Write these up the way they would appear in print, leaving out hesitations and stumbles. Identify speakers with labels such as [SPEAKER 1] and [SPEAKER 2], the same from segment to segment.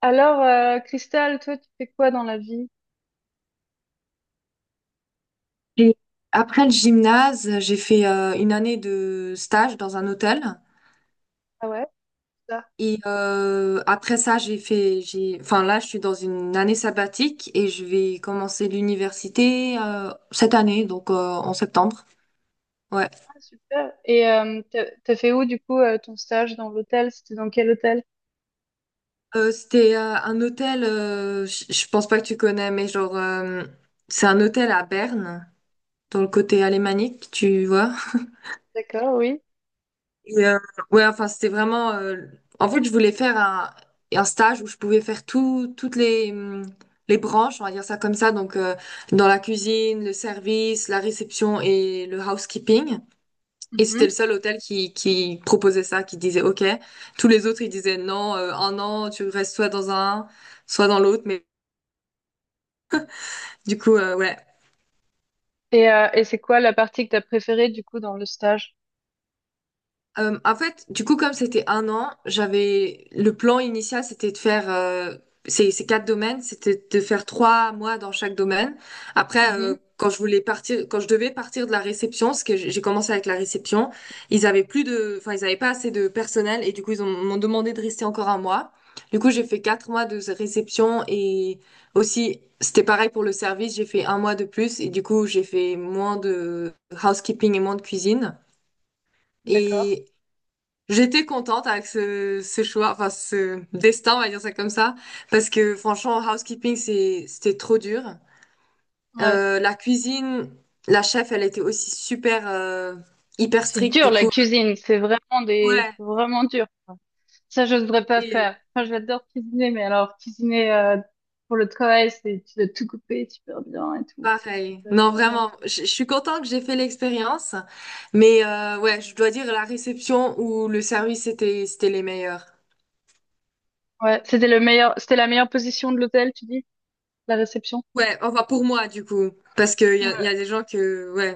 [SPEAKER 1] Alors, Christelle, toi, tu fais quoi dans la vie?
[SPEAKER 2] Et après le gymnase, j'ai fait une année de stage dans un hôtel.
[SPEAKER 1] Ah ouais, ça.
[SPEAKER 2] Après ça, enfin là, je suis dans une année sabbatique et je vais commencer l'université cette année, donc en septembre. Ouais.
[SPEAKER 1] Ah, super. Et t'as fait où, du coup, ton stage dans l'hôtel? C'était dans quel hôtel?
[SPEAKER 2] C'était un hôtel, je pense pas que tu connais, mais genre, c'est un hôtel à Berne, dans le côté alémanique, tu vois.
[SPEAKER 1] D'accord, oui.
[SPEAKER 2] Et, ouais, enfin, c'était vraiment, en fait, je voulais faire un stage où je pouvais faire tout, toutes les branches, on va dire ça comme ça. Donc, dans la cuisine, le service, la réception et le housekeeping. Et c'était le
[SPEAKER 1] Mhm.
[SPEAKER 2] seul hôtel qui proposait ça, qui disait OK. Tous les autres, ils disaient non, un an, tu restes soit dans un, soit dans l'autre. Mais du coup, ouais.
[SPEAKER 1] Et c'est quoi la partie que t'as préférée, du coup, dans le stage?
[SPEAKER 2] En fait, du coup, comme c'était un an, j'avais le plan initial, c'était de faire ces quatre domaines, c'était de faire 3 mois dans chaque domaine. Après,
[SPEAKER 1] Mhm.
[SPEAKER 2] quand je voulais partir, quand je devais partir de la réception, parce que j'ai commencé avec la réception, ils avaient plus de, enfin, ils avaient pas assez de personnel et du coup, m'ont demandé de rester encore un mois. Du coup, j'ai fait 4 mois de réception et aussi, c'était pareil pour le service, j'ai fait un mois de plus et du coup, j'ai fait moins de housekeeping et moins de cuisine.
[SPEAKER 1] D'accord.
[SPEAKER 2] Et j'étais contente avec ce choix, enfin ce destin, on va dire ça comme ça, parce que franchement, housekeeping, c'était trop dur.
[SPEAKER 1] Ouais.
[SPEAKER 2] La cuisine, la chef, elle était aussi super, hyper
[SPEAKER 1] C'est
[SPEAKER 2] stricte,
[SPEAKER 1] dur,
[SPEAKER 2] du
[SPEAKER 1] la
[SPEAKER 2] coup.
[SPEAKER 1] cuisine. C'est vraiment des,
[SPEAKER 2] Ouais,
[SPEAKER 1] c'est vraiment dur, quoi. Ça, je devrais pas
[SPEAKER 2] et
[SPEAKER 1] faire. Enfin, j'adore cuisiner, mais alors, cuisiner, pour le travail, c'est, tu dois tout couper super bien et tout.
[SPEAKER 2] pareil.
[SPEAKER 1] C'est
[SPEAKER 2] Non,
[SPEAKER 1] vraiment
[SPEAKER 2] vraiment,
[SPEAKER 1] dur.
[SPEAKER 2] je suis contente que j'ai fait l'expérience, mais ouais, je dois dire la réception ou le service, c'était les meilleurs.
[SPEAKER 1] Ouais. C'était le meilleur, c'était la meilleure position de l'hôtel, tu dis? La réception.
[SPEAKER 2] Ouais, enfin pour moi, du coup, parce qu'il y a,
[SPEAKER 1] Ouais.
[SPEAKER 2] y a des gens que, ouais.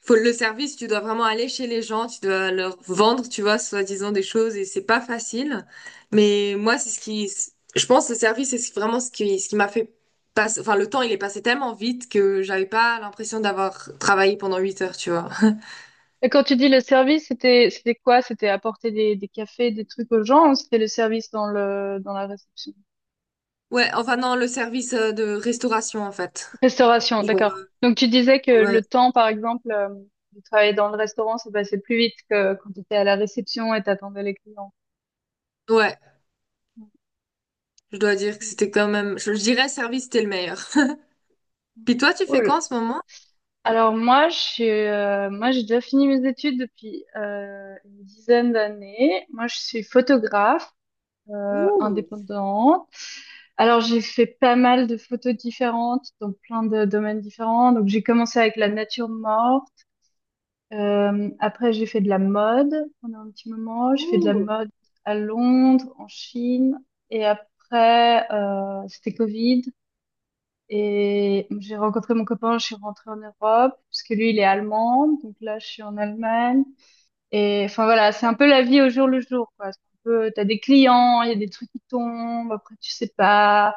[SPEAKER 2] Faut le service, tu dois vraiment aller chez les gens, tu dois leur vendre, tu vois, soi-disant des choses et c'est pas facile. Mais moi, c'est ce qui, je pense, le service, vraiment ce qui m'a fait passer, enfin, le temps, il est passé tellement vite que j'avais pas l'impression d'avoir travaillé pendant 8 heures, tu vois.
[SPEAKER 1] Et quand tu dis le service, c'était quoi? C'était apporter des cafés, des trucs aux gens, ou c'était le service dans la réception?
[SPEAKER 2] Ouais, enfin, non, le service de restauration, en fait.
[SPEAKER 1] Restauration,
[SPEAKER 2] Genre,
[SPEAKER 1] d'accord. Donc tu disais que
[SPEAKER 2] ouais,
[SPEAKER 1] le temps, par exemple, de travailler dans le restaurant, ça passait plus vite que quand tu étais à la réception et t'attendais les clients.
[SPEAKER 2] ouais, je dois dire que c'était quand même, je dirais service, c'était le meilleur. Puis toi, tu fais
[SPEAKER 1] Cool.
[SPEAKER 2] quoi en ce moment?
[SPEAKER 1] Alors moi, j'ai déjà fini mes études depuis une dizaine d'années. Moi, je suis photographe indépendante. Alors, j'ai fait pas mal de photos différentes, donc plein de domaines différents. Donc, j'ai commencé avec la nature morte. Après, j'ai fait de la mode pendant un petit moment. J'ai fait de la mode à Londres, en Chine. Et après, c'était Covid. Et j'ai rencontré mon copain, je suis rentrée en Europe, parce que lui, il est allemand. Donc là, je suis en Allemagne. Et enfin voilà, c'est un peu la vie au jour le jour, quoi. C'est un peu, t'as des clients, il y a des trucs qui tombent, après tu sais pas.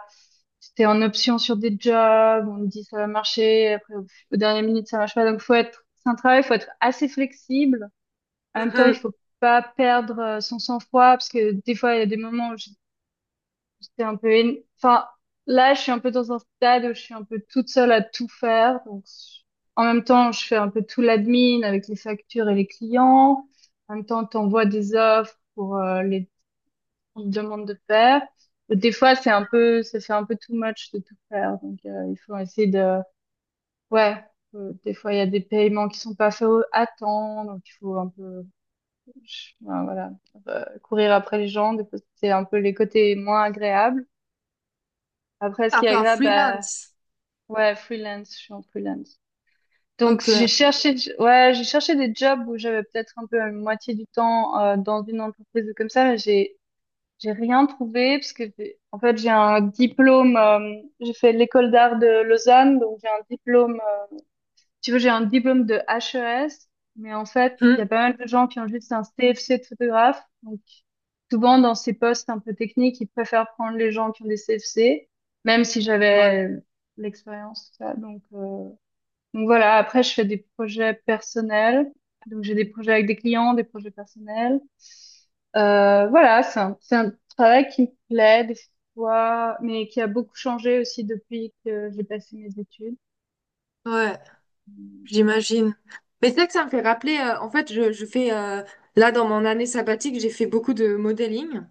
[SPEAKER 1] C'était en option sur des jobs, on te dit ça va marcher, après au dernier minute ça marche pas. Donc faut être, c'est un travail, faut être assez flexible. En même temps, il
[SPEAKER 2] Mhm.
[SPEAKER 1] faut pas perdre son sang-froid parce que des fois il y a des moments où J'étais un peu. Enfin, là, je suis un peu dans un stade où je suis un peu toute seule à tout faire. Donc, en même temps, je fais un peu tout l'admin avec les factures et les clients. En même temps, t'envoies des offres pour les qu'on te demande de faire. Et des fois, c'est un peu, ça fait un peu too much de tout faire. Donc, il faut essayer de... Ouais, des fois, il y a des paiements qui sont pas faits à temps. Donc, il faut un peu, ouais, voilà, courir après les gens. Des fois, c'est un peu les côtés moins agréables. Après, ce
[SPEAKER 2] Un
[SPEAKER 1] qui est
[SPEAKER 2] peu un
[SPEAKER 1] agréable, bah,
[SPEAKER 2] freelance.
[SPEAKER 1] ouais, freelance, je suis en freelance. Donc,
[SPEAKER 2] Ok.
[SPEAKER 1] j'ai cherché, ouais, j'ai cherché des jobs où j'avais peut-être un peu la moitié du temps dans une entreprise ou comme ça, mais j'ai rien trouvé parce que en fait j'ai un diplôme, j'ai fait l'école d'art de Lausanne, donc j'ai un diplôme tu vois, j'ai un diplôme de HES, mais en fait, il y a
[SPEAKER 2] Mhm.
[SPEAKER 1] pas mal de gens qui ont juste un CFC de photographe. Donc, souvent, dans ces postes un peu techniques, ils préfèrent prendre les gens qui ont des CFC, même si
[SPEAKER 2] Ouais,
[SPEAKER 1] j'avais l'expérience, tout ça. Donc, donc voilà. Après, je fais des projets personnels. Donc, j'ai des projets avec des clients, des projets personnels. Voilà, c'est un travail qui me plaît des fois, mais qui a beaucoup changé aussi depuis que j'ai passé mes études.
[SPEAKER 2] ouais. J'imagine. Mais c'est vrai que ça me fait rappeler, en fait, là, dans mon année sabbatique, j'ai fait beaucoup de modeling,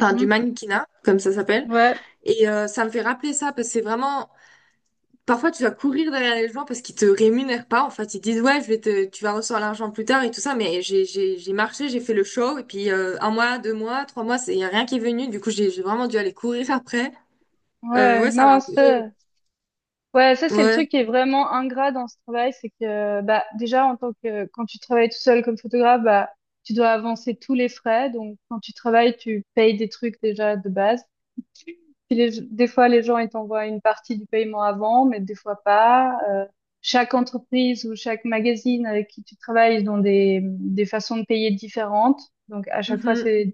[SPEAKER 2] enfin, du mannequinat, comme ça s'appelle.
[SPEAKER 1] Ouais,
[SPEAKER 2] Et ça me fait rappeler ça, parce que c'est vraiment, parfois, tu dois courir derrière les gens parce qu'ils te rémunèrent pas. En fait, ils disent, ouais, tu vas recevoir l'argent plus tard et tout ça. Mais j'ai marché, j'ai fait le show, et puis un mois, 2 mois, 3 mois, il y a rien qui est venu. Du coup, j'ai vraiment dû aller courir après.
[SPEAKER 1] ouais,
[SPEAKER 2] Ouais, ça m'a
[SPEAKER 1] non,
[SPEAKER 2] un peu,
[SPEAKER 1] ça, ouais, ça c'est le
[SPEAKER 2] ouais.
[SPEAKER 1] truc qui est vraiment ingrat dans ce travail, c'est que bah déjà en tant que quand tu travailles tout seul comme photographe, bah tu dois avancer tous les frais, donc quand tu travailles, tu payes des trucs déjà de base. Puis des fois les gens ils t'envoient une partie du paiement avant, mais des fois pas. Chaque entreprise ou chaque magazine avec qui tu travailles, ils ont des façons de payer différentes, donc à chaque fois
[SPEAKER 2] Mhm.
[SPEAKER 1] c'est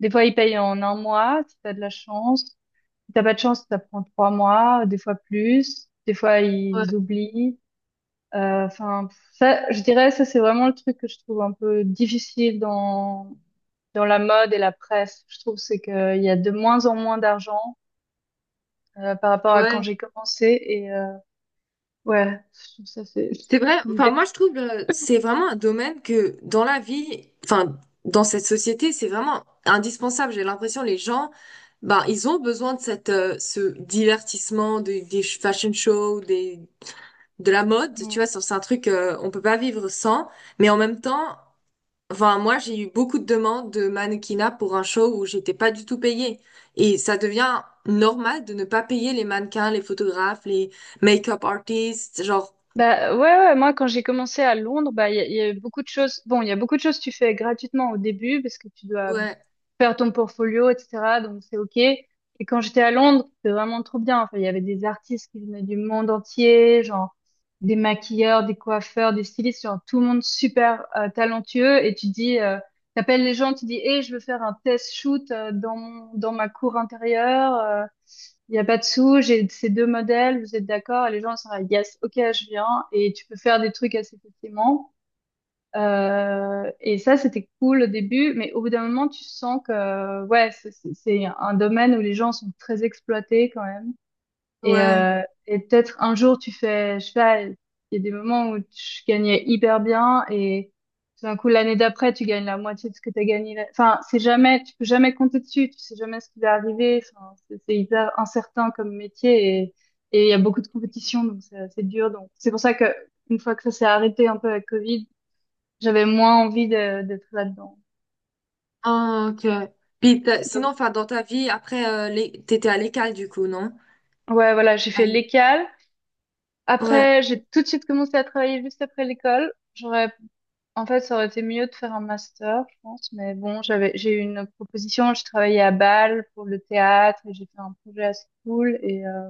[SPEAKER 1] des fois ils payent en un mois si t'as de la chance. Si t'as pas de chance, ça prend 3 mois, des fois plus, des fois
[SPEAKER 2] Ouais.
[SPEAKER 1] ils oublient. Enfin, ça, je dirais, ça c'est vraiment le truc que je trouve un peu difficile dans la mode et la presse. Je trouve c'est que il y a de moins en moins d'argent par rapport à quand
[SPEAKER 2] Ouais.
[SPEAKER 1] j'ai commencé et ouais, je trouve ça c'est ça
[SPEAKER 2] C'est vrai,
[SPEAKER 1] me
[SPEAKER 2] enfin
[SPEAKER 1] dé-
[SPEAKER 2] moi je trouve c'est vraiment un domaine que dans la vie, enfin dans cette société, c'est vraiment indispensable. J'ai l'impression les gens, ben ils ont besoin de cette ce divertissement, des fashion shows, des de la mode, tu
[SPEAKER 1] Mm.
[SPEAKER 2] vois, c'est un truc on peut pas vivre sans. Mais en même temps, enfin moi j'ai eu beaucoup de demandes de mannequinat pour un show où j'étais pas du tout payée et ça devient normal de ne pas payer les mannequins, les photographes, les make-up artists, genre
[SPEAKER 1] Bah ouais, ouais, moi quand j'ai commencé à Londres, bah il y a eu beaucoup de choses. Bon, il y a beaucoup de choses que tu fais gratuitement au début parce que tu dois
[SPEAKER 2] ouais.
[SPEAKER 1] faire ton portfolio, etc. Donc c'est OK. Et quand j'étais à Londres, c'était vraiment trop bien. Enfin, il y avait des artistes qui venaient du monde entier, genre des maquilleurs, des coiffeurs, des stylistes, genre tout le monde super talentueux. Et t'appelles les gens, tu dis, hey, je veux faire un test shoot dans ma cour intérieure. Il y a pas de sous, j'ai ces deux modèles, vous êtes d'accord? Et les gens sont là, yes, ok, je viens. Et tu peux faire des trucs assez facilement. Et ça, c'était cool au début, mais au bout d'un moment, tu sens que ouais, c'est un domaine où les gens sont très exploités quand même. Et,
[SPEAKER 2] Ouais,
[SPEAKER 1] euh, et peut-être un jour, tu fais, je sais pas, il y a des moments où tu gagnais hyper bien et tout d'un coup, l'année d'après, tu gagnes la moitié de ce que tu as gagné. Enfin, c'est jamais, tu peux jamais compter dessus, tu sais jamais ce qui va arriver. Enfin, c'est hyper incertain comme métier et il y a beaucoup de compétition, donc c'est dur. Donc c'est pour ça que une fois que ça s'est arrêté un peu avec Covid j'avais moins envie d'être là-dedans.
[SPEAKER 2] ah, ok. Puis sinon,
[SPEAKER 1] Donc,
[SPEAKER 2] enfin, dans ta vie, après, t'étais à l'école du coup, non?
[SPEAKER 1] ouais, voilà, j'ai
[SPEAKER 2] À
[SPEAKER 1] fait
[SPEAKER 2] l-
[SPEAKER 1] l'école.
[SPEAKER 2] Ouais.
[SPEAKER 1] Après, j'ai tout de suite commencé à travailler juste après l'école. En fait, ça aurait été mieux de faire un master, je pense. Mais bon, j'ai eu une proposition. Je travaillais à Bâle pour le théâtre et j'ai fait un projet assez cool. Et, euh,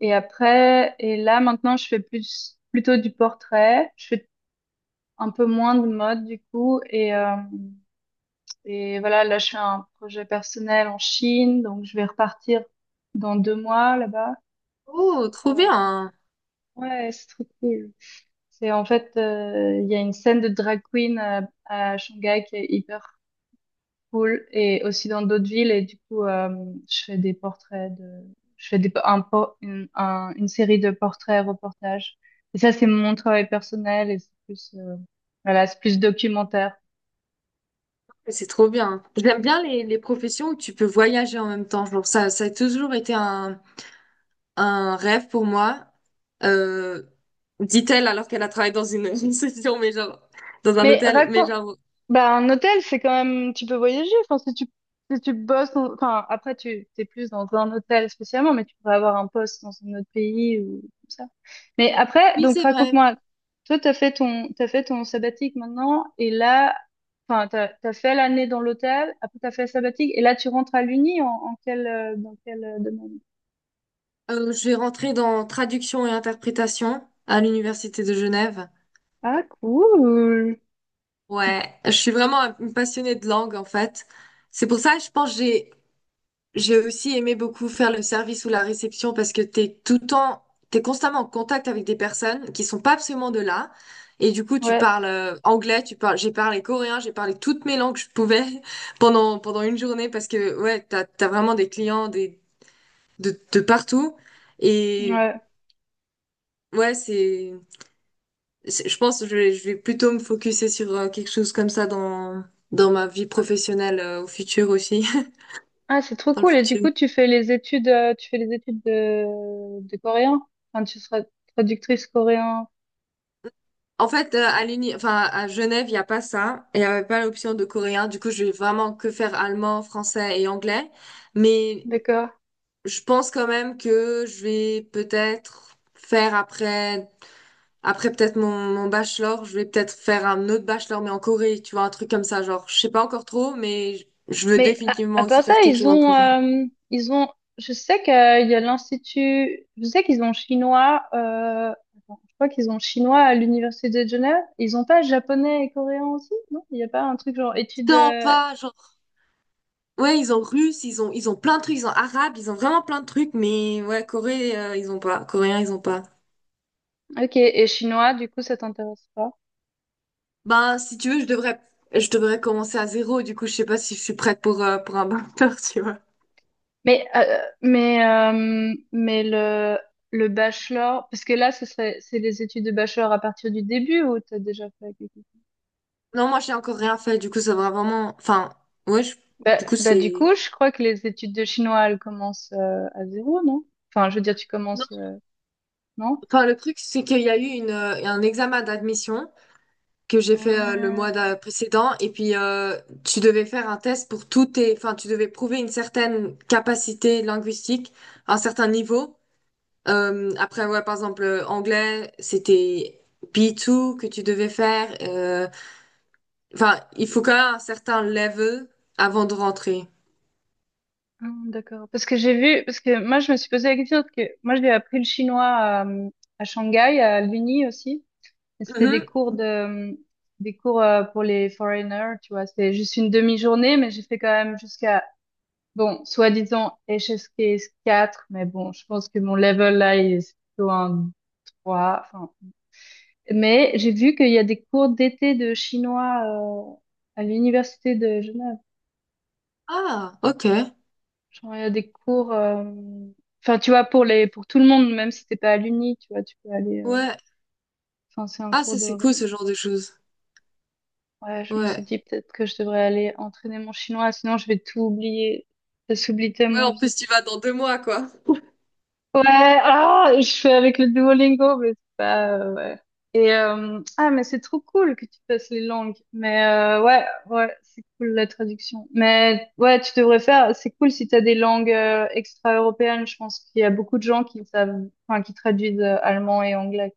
[SPEAKER 1] et après, et là, maintenant, je fais plutôt du portrait. Je fais un peu moins de mode, du coup. Et voilà, là, je fais un projet personnel en Chine, donc je vais repartir dans 2 mois là-bas.
[SPEAKER 2] Oh, trop
[SPEAKER 1] Euh,
[SPEAKER 2] bien.
[SPEAKER 1] ouais, c'est trop cool. C'est en fait, il y a une scène de drag queen à Shanghai qui est hyper cool et aussi dans d'autres villes. Et du coup, je fais des portraits de, je fais des, un, por- une, une série de portraits, reportages. Et ça, c'est mon travail personnel et c'est plus, voilà, c'est plus documentaire.
[SPEAKER 2] C'est trop bien. J'aime bien les professions où tu peux voyager en même temps. Genre, ça a toujours été un rêve pour moi. Euh, Dit-elle alors qu'elle a travaillé dans une une session, mais genre, dans un
[SPEAKER 1] Mais
[SPEAKER 2] hôtel. Mais
[SPEAKER 1] raconte.
[SPEAKER 2] genre,
[SPEAKER 1] Bah, un hôtel, c'est quand même, tu peux voyager. Enfin, si tu bosses, enfin, après, t'es plus dans un hôtel spécialement, mais tu pourrais avoir un poste dans un autre pays ou comme ça. Mais après,
[SPEAKER 2] oui,
[SPEAKER 1] donc,
[SPEAKER 2] c'est vrai.
[SPEAKER 1] raconte-moi, toi, t'as fait ton sabbatique maintenant, et là, enfin, t'as fait l'année dans l'hôtel, après, t'as fait le sabbatique, et là, tu rentres à l'Uni en, dans quel domaine?
[SPEAKER 2] Je vais rentrer dans traduction et interprétation à l'université de Genève.
[SPEAKER 1] Ah, cool!
[SPEAKER 2] Ouais, je suis vraiment une passionnée de langue en fait. C'est pour ça, je pense, que j'ai aussi aimé beaucoup faire le service ou la réception parce que t'es tout le temps, t'es constamment en contact avec des personnes qui sont pas absolument de là. Et du coup, tu
[SPEAKER 1] Ouais,
[SPEAKER 2] parles anglais, tu parles, j'ai parlé coréen, j'ai parlé toutes mes langues que je pouvais pendant une journée parce que ouais, t'as vraiment des clients des de partout. Et
[SPEAKER 1] ouais.
[SPEAKER 2] ouais, je pense que je vais plutôt me focuser sur quelque chose comme ça dans ma vie professionnelle au futur aussi,
[SPEAKER 1] Ah, c'est trop
[SPEAKER 2] dans le
[SPEAKER 1] cool. Et du
[SPEAKER 2] futur.
[SPEAKER 1] coup, tu fais les études, de coréen. Enfin, tu seras traductrice coréen.
[SPEAKER 2] En fait,
[SPEAKER 1] Ouais,
[SPEAKER 2] à l'uni, enfin, à Genève, il n'y a pas ça. Il n'y avait pas l'option de coréen. Du coup, je vais vraiment que faire allemand, français et anglais. Mais
[SPEAKER 1] d'accord.
[SPEAKER 2] je pense quand même que je vais peut-être faire après peut-être mon bachelor, je vais peut-être faire un autre bachelor, mais en Corée, tu vois, un truc comme ça. Genre, je sais pas encore trop, mais je veux
[SPEAKER 1] Mais à,
[SPEAKER 2] définitivement
[SPEAKER 1] à part
[SPEAKER 2] aussi
[SPEAKER 1] ça,
[SPEAKER 2] faire quelque
[SPEAKER 1] ils
[SPEAKER 2] chose en
[SPEAKER 1] ont,
[SPEAKER 2] Corée.
[SPEAKER 1] euh, ils ont, je sais qu'il y a l'institut, je sais qu'ils ont chinois, je crois qu'ils ont chinois à l'université de Genève. Ils ont pas japonais et coréen aussi, non? Il n'y a pas un truc genre études,
[SPEAKER 2] Tant
[SPEAKER 1] euh,
[SPEAKER 2] pas, genre, ouais, ils ont russe, ils ont plein de trucs, ils ont arabe, ils ont vraiment plein de trucs, mais ouais, Corée, ils ont pas, coréen, ils ont pas.
[SPEAKER 1] ok, et chinois, du coup, ça t'intéresse pas?
[SPEAKER 2] Ben, si tu veux, je devrais commencer à zéro, du coup, je sais pas si je suis prête pour un master, tu vois.
[SPEAKER 1] Mais le bachelor, parce que là, ce serait, c'est les études de bachelor à partir du début ou t'as déjà fait quelque chose?
[SPEAKER 2] Non, moi, j'ai encore rien fait, du coup, ça va vraiment, enfin, ouais,
[SPEAKER 1] Bah,
[SPEAKER 2] du coup,
[SPEAKER 1] bah, du
[SPEAKER 2] c'est.
[SPEAKER 1] coup, je crois que les études de chinois, elles commencent à zéro, non? Enfin, je veux dire, tu
[SPEAKER 2] Non,
[SPEAKER 1] commences, non?
[SPEAKER 2] enfin, le truc, c'est qu'il y a eu un examen d'admission. Que j'ai fait le
[SPEAKER 1] Euh,
[SPEAKER 2] mois précédent. Et puis, tu devais faire un test pour tous tes. Enfin, tu devais prouver une certaine capacité linguistique, un certain niveau. Après, ouais, par exemple, anglais, c'était B2 que tu devais faire. Enfin, il faut quand même un certain level avant de rentrer.
[SPEAKER 1] d'accord. Parce que j'ai vu, parce que moi, je me suis posé la question, parce que moi, j'ai appris le chinois à Shanghai, à l'Uni aussi. Et c'était des
[SPEAKER 2] Mhm.
[SPEAKER 1] cours pour les foreigners, tu vois. C'était juste une demi-journée, mais j'ai fait quand même jusqu'à. Bon, soi-disant HSKS 4, mais bon, je pense que mon level là, il est plutôt un 3. Enfin, mais j'ai vu qu'il y a des cours d'été de chinois à l'université de Genève.
[SPEAKER 2] Ah, ok.
[SPEAKER 1] Genre, il y a des cours, enfin, tu vois, pour tout le monde, même si t'es pas à l'uni, tu vois, tu peux aller.
[SPEAKER 2] Ouais.
[SPEAKER 1] Enfin, c'est un
[SPEAKER 2] Ah,
[SPEAKER 1] cours
[SPEAKER 2] ça, c'est cool,
[SPEAKER 1] de.
[SPEAKER 2] ce genre de choses.
[SPEAKER 1] Ouais, je me suis
[SPEAKER 2] Ouais.
[SPEAKER 1] dit peut-être que je devrais aller entraîner mon chinois, sinon je vais tout oublier. Ça s'oublie
[SPEAKER 2] Ouais,
[SPEAKER 1] tellement
[SPEAKER 2] en plus, tu
[SPEAKER 1] vite.
[SPEAKER 2] vas dans 2 mois, quoi.
[SPEAKER 1] Ouais, ah, je fais avec le Duolingo, mais c'est pas, ouais. Et, ah, mais c'est trop cool que tu fasses les langues. Mais, ouais, ouais, c'est cool la traduction. Mais, ouais, tu devrais faire, c'est cool si t'as des langues, extra-européennes. Je pense qu'il y a beaucoup de gens qui savent, enfin, qui traduisent allemand et anglais.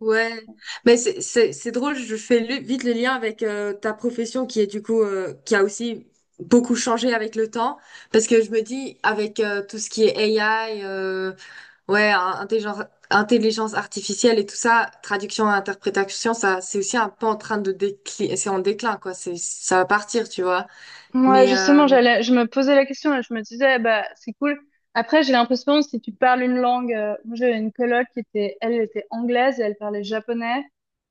[SPEAKER 2] Ouais, mais c'est drôle, vite le lien avec ta profession qui est du coup qui a aussi beaucoup changé avec le temps parce que je me dis avec tout ce qui est AI ouais, intelligence artificielle et tout ça, traduction et interprétation, ça c'est aussi un peu en train de décliner, c'est en déclin quoi, c'est ça va partir, tu vois.
[SPEAKER 1] Moi,
[SPEAKER 2] Mais
[SPEAKER 1] justement, je me posais la question et je me disais, bah, c'est cool. Après, j'ai l'impression, si tu parles une langue, moi, j'avais une coloc elle était anglaise et elle parlait japonais.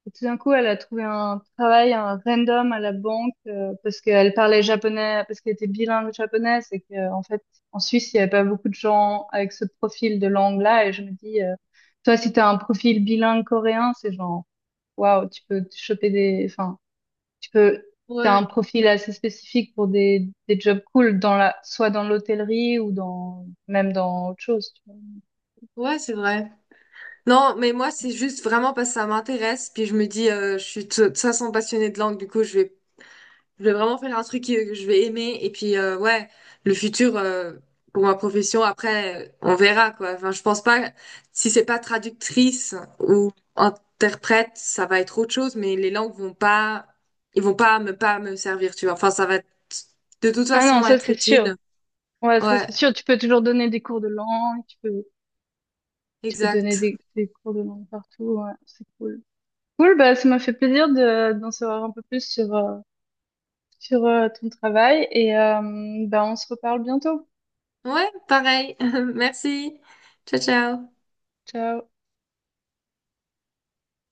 [SPEAKER 1] Et tout d'un coup, elle a trouvé un travail, un random à la banque, parce qu'elle parlait japonais, parce qu'elle était bilingue japonaise et que, en fait, en Suisse, il n'y avait pas beaucoup de gens avec ce profil de langue-là. Et je me dis, toi, si tu as un profil bilingue coréen, c'est genre, waouh, tu peux te choper des, enfin, tu peux, t'as un
[SPEAKER 2] ouais,
[SPEAKER 1] profil assez spécifique pour des jobs cool dans soit dans l'hôtellerie ou dans, même dans autre chose, tu vois.
[SPEAKER 2] ouais, c'est vrai. Non, mais moi, c'est juste vraiment parce que ça m'intéresse. Puis je me dis, je suis de toute façon passionnée de langue, du coup, je vais vraiment faire un truc que je vais aimer. Et puis, ouais, le futur, pour ma profession, après, on verra, quoi. Enfin, je pense pas, si c'est pas traductrice ou interprète, ça va être autre chose, mais les langues vont pas, ils vont pas me servir, tu vois. Enfin, de toute
[SPEAKER 1] Ah non,
[SPEAKER 2] façon
[SPEAKER 1] ça
[SPEAKER 2] être
[SPEAKER 1] c'est sûr.
[SPEAKER 2] utile.
[SPEAKER 1] Ouais, ça
[SPEAKER 2] Ouais,
[SPEAKER 1] c'est sûr. Tu peux toujours donner des cours de langue, tu peux donner
[SPEAKER 2] exact.
[SPEAKER 1] des cours de langue partout. Ouais, c'est cool. Cool, bah ça m'a fait plaisir d'en savoir un peu plus sur ton travail et bah on se reparle bientôt.
[SPEAKER 2] Ouais, pareil. Merci. Ciao, ciao.
[SPEAKER 1] Ciao.